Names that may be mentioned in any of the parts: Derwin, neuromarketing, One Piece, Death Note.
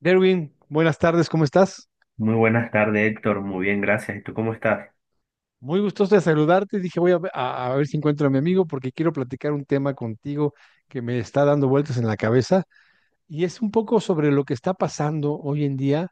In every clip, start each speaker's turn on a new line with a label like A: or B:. A: Derwin, buenas tardes, ¿cómo estás?
B: Muy buenas tardes, Héctor. Muy bien, gracias. ¿Y tú cómo estás?
A: Muy gustoso de saludarte. Dije, voy a, a ver si encuentro a mi amigo porque quiero platicar un tema contigo que me está dando vueltas en la cabeza. Y es un poco sobre lo que está pasando hoy en día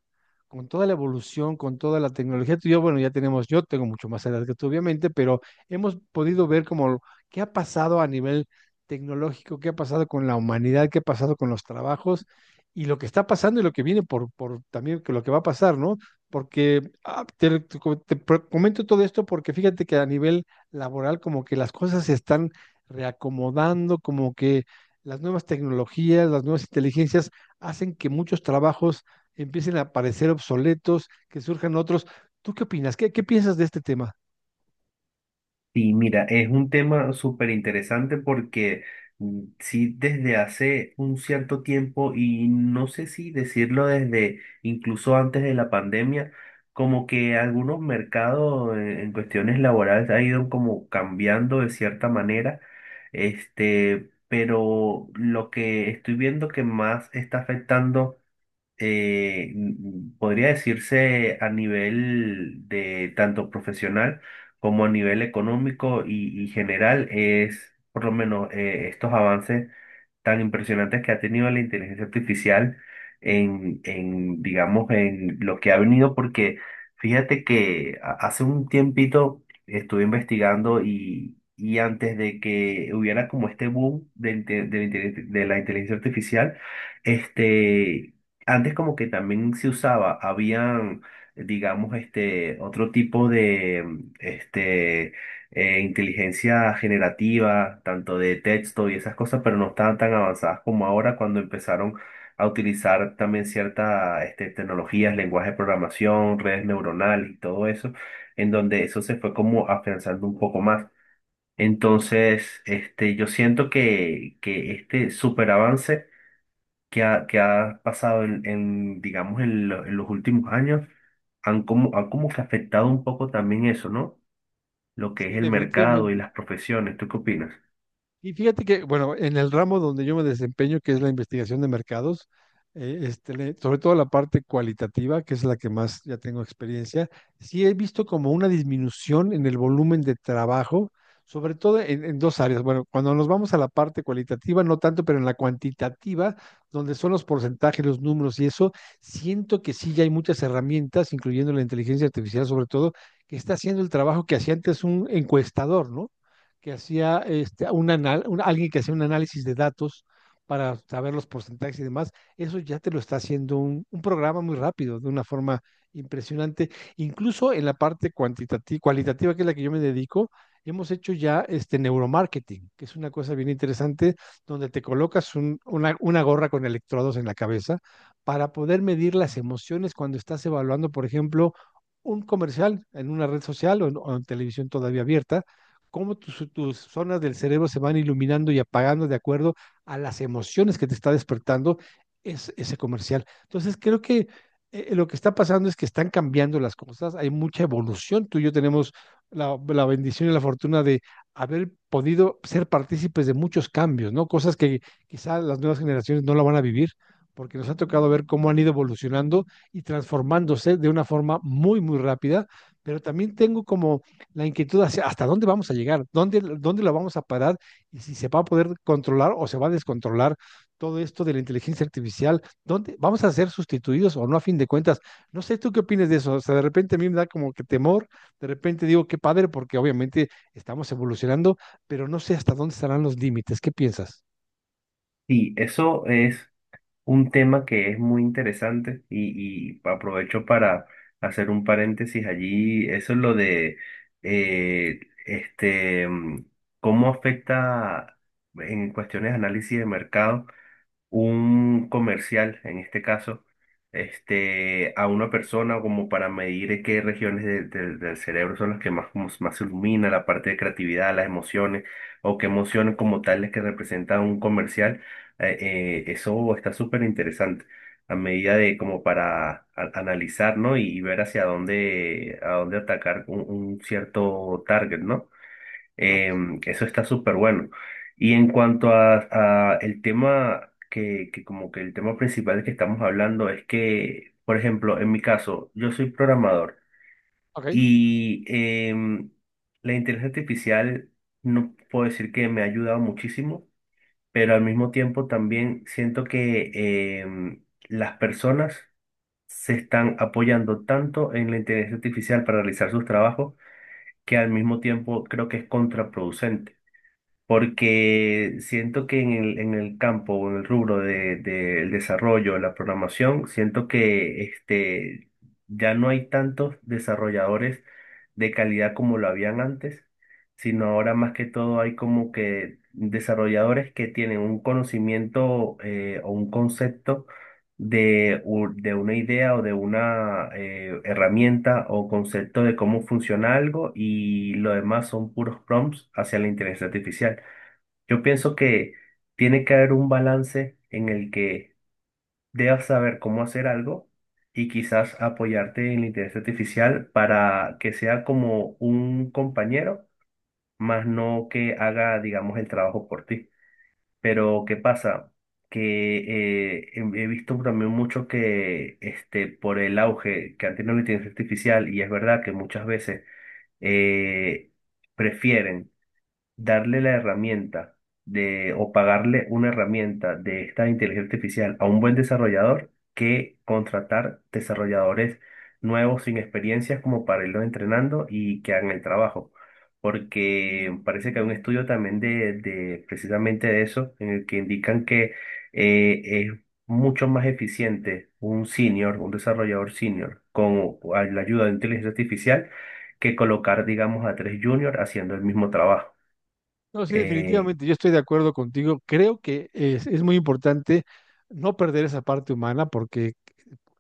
A: con toda la evolución, con toda la tecnología. Tú y yo, bueno, ya tenemos, yo tengo mucho más edad que tú, obviamente, pero hemos podido ver como qué ha pasado a nivel tecnológico, qué ha pasado con la humanidad, qué ha pasado con los trabajos y lo que está pasando y lo que viene por también que lo que va a pasar, ¿no? Porque te, te co- te pro- comento todo esto porque fíjate que a nivel laboral como que las cosas se están reacomodando, como que las nuevas tecnologías, las nuevas inteligencias hacen que muchos trabajos empiecen a parecer obsoletos, que surjan otros. ¿Tú qué opinas? ¿Qué piensas de este tema?
B: Y mira, es un tema súper interesante porque sí, desde hace un cierto tiempo, y no sé si decirlo desde incluso antes de la pandemia, como que algunos mercados en cuestiones laborales ha ido como cambiando de cierta manera. Este, pero lo que estoy viendo que más está afectando podría decirse a nivel de tanto profesional como a nivel económico y general es por lo menos estos avances tan impresionantes que ha tenido la inteligencia artificial digamos, en lo que ha venido, porque fíjate que hace un tiempito estuve investigando y antes de que hubiera como este boom de, inte- de la inteligencia artificial, este, antes como que también se usaba, habían digamos, este, otro tipo de, este, inteligencia generativa, tanto de texto y esas cosas, pero no estaban tan avanzadas como ahora cuando empezaron a utilizar también ciertas este, tecnologías, lenguaje de programación, redes neuronales y todo eso, en donde eso se fue como afianzando un poco más. Entonces, este, yo siento que este superavance que ha pasado digamos, en los últimos años, han como que afectado un poco también eso, ¿no? Lo que
A: Sí,
B: es el mercado y
A: definitivamente.
B: las profesiones. ¿Tú qué opinas?
A: Y fíjate que, bueno, en el ramo donde yo me desempeño, que es la investigación de mercados, este, sobre todo la parte cualitativa, que es la que más ya tengo experiencia, sí he visto como una disminución en el volumen de trabajo, sobre todo en dos áreas. Bueno, cuando nos vamos a la parte cualitativa, no tanto, pero en la cuantitativa, donde son los porcentajes, los números y eso, siento que sí ya hay muchas herramientas, incluyendo la inteligencia artificial sobre todo, que está haciendo el trabajo que hacía antes un encuestador, ¿no? Que hacía este, un alguien que hacía un análisis de datos para saber los porcentajes y demás, eso ya te lo está haciendo un programa muy rápido, de una forma impresionante. Incluso en la parte cuantitativa, cualitativa, que es la que yo me dedico, hemos hecho ya este neuromarketing, que es una cosa bien interesante, donde te colocas gorra con electrodos en la cabeza para poder medir las emociones cuando estás evaluando, por ejemplo, un comercial en una red social o en televisión todavía abierta, cómo tus zonas del cerebro se van iluminando y apagando de acuerdo a las emociones que te está despertando ese comercial. Entonces, creo que lo que está pasando es que están cambiando las cosas, hay mucha evolución. Tú y yo tenemos la bendición y la fortuna de haber podido ser partícipes de muchos cambios, ¿no? Cosas que quizá las nuevas generaciones no la van a vivir porque nos ha tocado ver cómo han ido evolucionando y transformándose de una forma muy, muy rápida, pero también tengo como la inquietud hacia hasta dónde vamos a llegar, dónde la vamos a parar y si se va a poder controlar o se va a descontrolar todo esto de la inteligencia artificial, dónde vamos a ser sustituidos o no a fin de cuentas. No sé tú qué opinas de eso, o sea, de repente a mí me da como que temor, de repente digo qué padre porque obviamente estamos evolucionando, pero no sé hasta dónde estarán los límites. ¿Qué piensas?
B: Sí, eso es un tema que es muy interesante y aprovecho para hacer un paréntesis allí. Eso es lo de eh, este, mm, cómo afecta en cuestiones de análisis de mercado. Un comercial, en este caso, este, a una persona como para medir qué regiones del cerebro son las que más, como más se ilumina, la parte de creatividad, las emociones, o qué emociones como tales que representa un comercial, eso está súper interesante. A medida de como para analizar, ¿no? Y ver hacia dónde, a dónde atacar un cierto target, ¿no?
A: Exacto.
B: Eso está súper bueno. Y en cuanto a el tema que como que el tema principal que estamos hablando es que, por ejemplo, en mi caso, yo soy programador
A: Ok.
B: y la inteligencia artificial no puedo decir que me ha ayudado muchísimo, pero al mismo tiempo también siento que las personas se están apoyando tanto en la inteligencia artificial para realizar sus trabajos que al mismo tiempo creo que es contraproducente porque siento que en el campo o en el rubro de el desarrollo, la programación, siento que este, ya no hay tantos desarrolladores de calidad como lo habían antes, sino ahora más que todo hay como que desarrolladores que tienen un conocimiento o un concepto de una idea o de una herramienta o concepto de cómo funciona algo y lo demás son puros prompts hacia la inteligencia artificial. Yo pienso que tiene que haber un balance en el que debas saber cómo hacer algo y quizás apoyarte en la inteligencia artificial para que sea como un compañero, más no que haga, digamos, el trabajo por ti. Pero ¿qué pasa? Que he visto también mucho que este, por el auge que han tenido la inteligencia artificial, y es verdad que muchas veces eh, prefieren darle la herramienta de, o pagarle una herramienta de esta inteligencia artificial a un buen desarrollador que contratar desarrolladores nuevos sin experiencias como para irlos entrenando y que hagan el trabajo. Porque parece que hay un estudio también de precisamente de eso, en el que indican que es mucho más eficiente un senior, un desarrollador senior, con la ayuda de inteligencia artificial, que colocar, digamos, a tres juniors haciendo el mismo trabajo.
A: No, sí,
B: Eh,
A: definitivamente, yo estoy de acuerdo contigo. Creo que es muy importante no perder esa parte humana, porque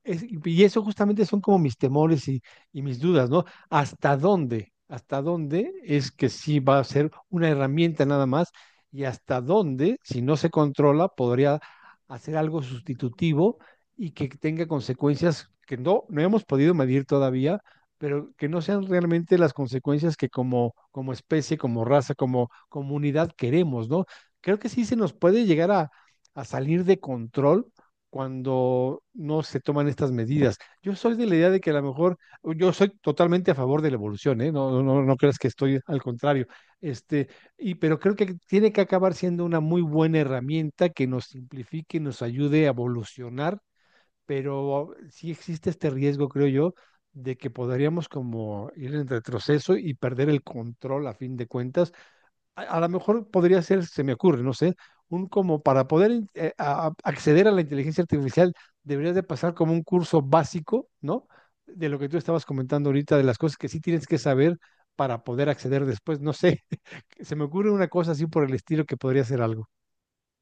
A: y eso justamente son como mis temores y mis dudas, ¿no? ¿Hasta dónde? ¿Hasta dónde es que sí va a ser una herramienta nada más? Y hasta dónde, si no se controla, podría hacer algo sustitutivo y que tenga consecuencias que no hemos podido medir todavía, pero que no sean realmente las consecuencias que como, como especie, como raza, como comunidad queremos, ¿no? Creo que sí se nos puede llegar a salir de control cuando no se toman estas medidas. Yo soy de la idea de que a lo mejor, yo soy totalmente a favor de la evolución, ¿eh? No, no, no creas que estoy al contrario. Este, y, pero creo que tiene que acabar siendo una muy buena herramienta que nos simplifique, nos ayude a evolucionar, pero sí existe este riesgo, creo yo, de que podríamos como ir en retroceso y perder el control a fin de cuentas. A lo mejor podría ser, se me ocurre, no sé, un como para poder acceder a la inteligencia artificial, deberías de pasar como un curso básico, ¿no? De lo que tú estabas comentando ahorita, de las cosas que sí tienes que saber para poder acceder después, no sé, se me ocurre una cosa así por el estilo que podría ser algo.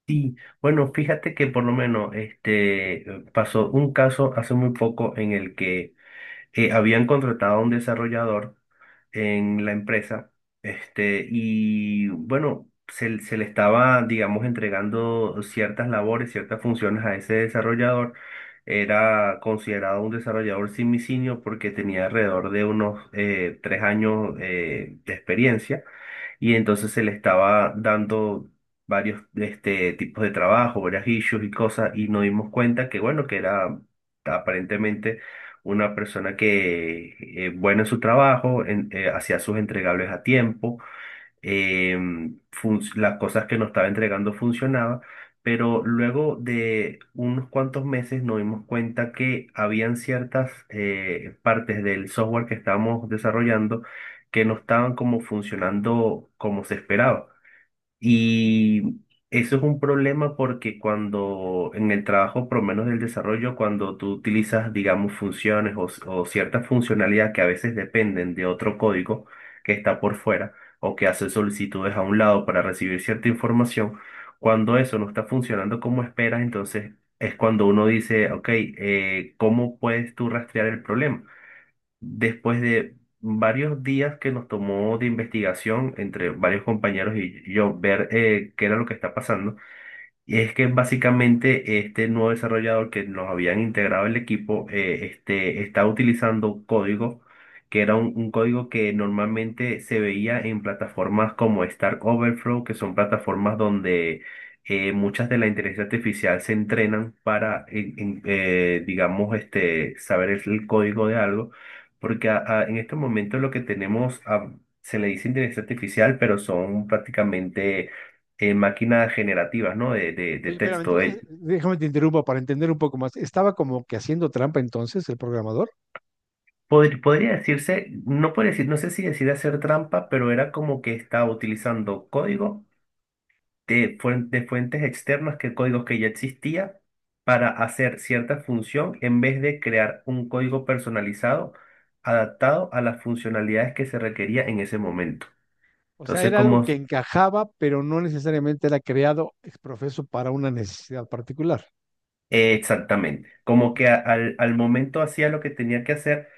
B: y bueno, fíjate que por lo menos este pasó un caso hace muy poco en el que habían contratado a un desarrollador en la empresa, este, y bueno, se le estaba, digamos, entregando ciertas labores, ciertas funciones a ese desarrollador. Era considerado un desarrollador simisinio porque tenía alrededor de unos 3 años de experiencia y entonces se le estaba dando varios este, tipos de trabajo, varias issues y cosas, y nos dimos cuenta que, bueno, que era aparentemente una persona que, buena en su trabajo, hacía sus entregables a tiempo, eh, las cosas que nos estaba entregando funcionaba, pero luego de unos cuantos meses nos dimos cuenta que habían ciertas partes del software que estábamos desarrollando que no estaban como funcionando como se esperaba. Y eso es un problema porque cuando en el trabajo, por lo menos del desarrollo, cuando tú utilizas, digamos, funciones o cierta funcionalidad que a veces dependen de otro código que está por fuera o que hace solicitudes a un lado para recibir cierta información, cuando eso no está funcionando como esperas, entonces es cuando uno dice, ok, ¿cómo puedes tú rastrear el problema? Después de varios días que nos tomó de investigación entre varios compañeros y yo ver qué era lo que está pasando, y es que básicamente este nuevo desarrollador que nos habían integrado el equipo está utilizando un código que era un código que normalmente se veía en plataformas como Stack Overflow, que son plataformas donde muchas de la inteligencia artificial se entrenan para, digamos, este, saber el código de algo, porque en estos momentos lo que tenemos se le dice inteligencia artificial, pero son prácticamente en máquinas generativas, ¿no? De
A: Oye, pero
B: texto.
A: entonces, déjame te interrumpa para entender un poco más. ¿Estaba como que haciendo trampa entonces el programador?
B: Podría decirse, no puede decir, no sé si decir hacer trampa, pero era como que estaba utilizando código de fuentes externas, que códigos que ya existía, para hacer cierta función en vez de crear un código personalizado adaptado a las funcionalidades que se requería en ese momento.
A: O sea,
B: Entonces,
A: era
B: como
A: algo que encajaba, pero no necesariamente era creado ex profeso para una necesidad particular.
B: exactamente, como que
A: Ya.
B: al momento hacía lo que tenía que hacer.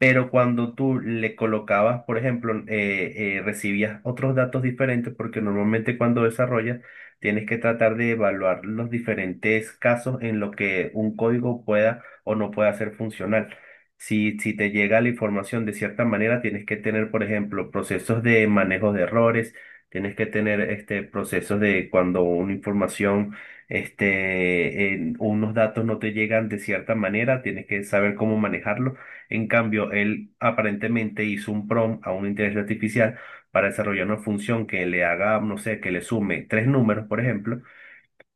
B: Pero cuando tú le colocabas, por ejemplo, recibías otros datos diferentes, porque normalmente cuando desarrollas tienes que tratar de evaluar los diferentes casos en lo que un código pueda o no pueda ser funcional. Si te llega la información de cierta manera, tienes que tener, por ejemplo, procesos de manejo de errores, tienes que tener este, procesos de cuando una información, este, en unos datos no te llegan de cierta manera, tienes que saber cómo manejarlo. En cambio, él aparentemente hizo un prompt a una inteligencia artificial para desarrollar una función que le haga, no sé, que le sume tres números, por ejemplo,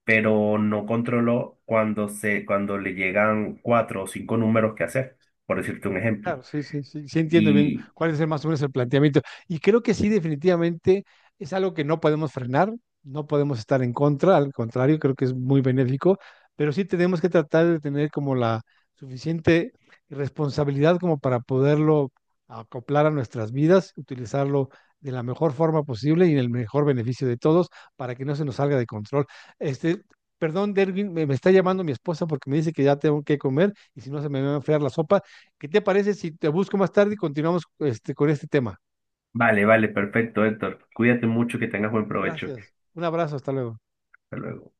B: pero no controló cuando cuando le llegan cuatro o cinco números que hacer, por decirte un ejemplo.
A: Claro, sí, sí, sí, sí entiendo bien
B: Y
A: cuál es más o menos el planteamiento. Y creo que sí, definitivamente es algo que no podemos frenar, no podemos estar en contra, al contrario, creo que es muy benéfico, pero sí tenemos que tratar de tener como la suficiente responsabilidad como para poderlo acoplar a nuestras vidas, utilizarlo de la mejor forma posible y en el mejor beneficio de todos para que no se nos salga de control. Este, perdón, Derwin, me está llamando mi esposa porque me dice que ya tengo que comer y si no se me va a enfriar la sopa. ¿Qué te parece si te busco más tarde y continuamos este, con este tema?
B: vale, vale, perfecto, Héctor. Cuídate mucho, que tengas buen provecho.
A: Gracias. Un abrazo, hasta luego.
B: Hasta luego.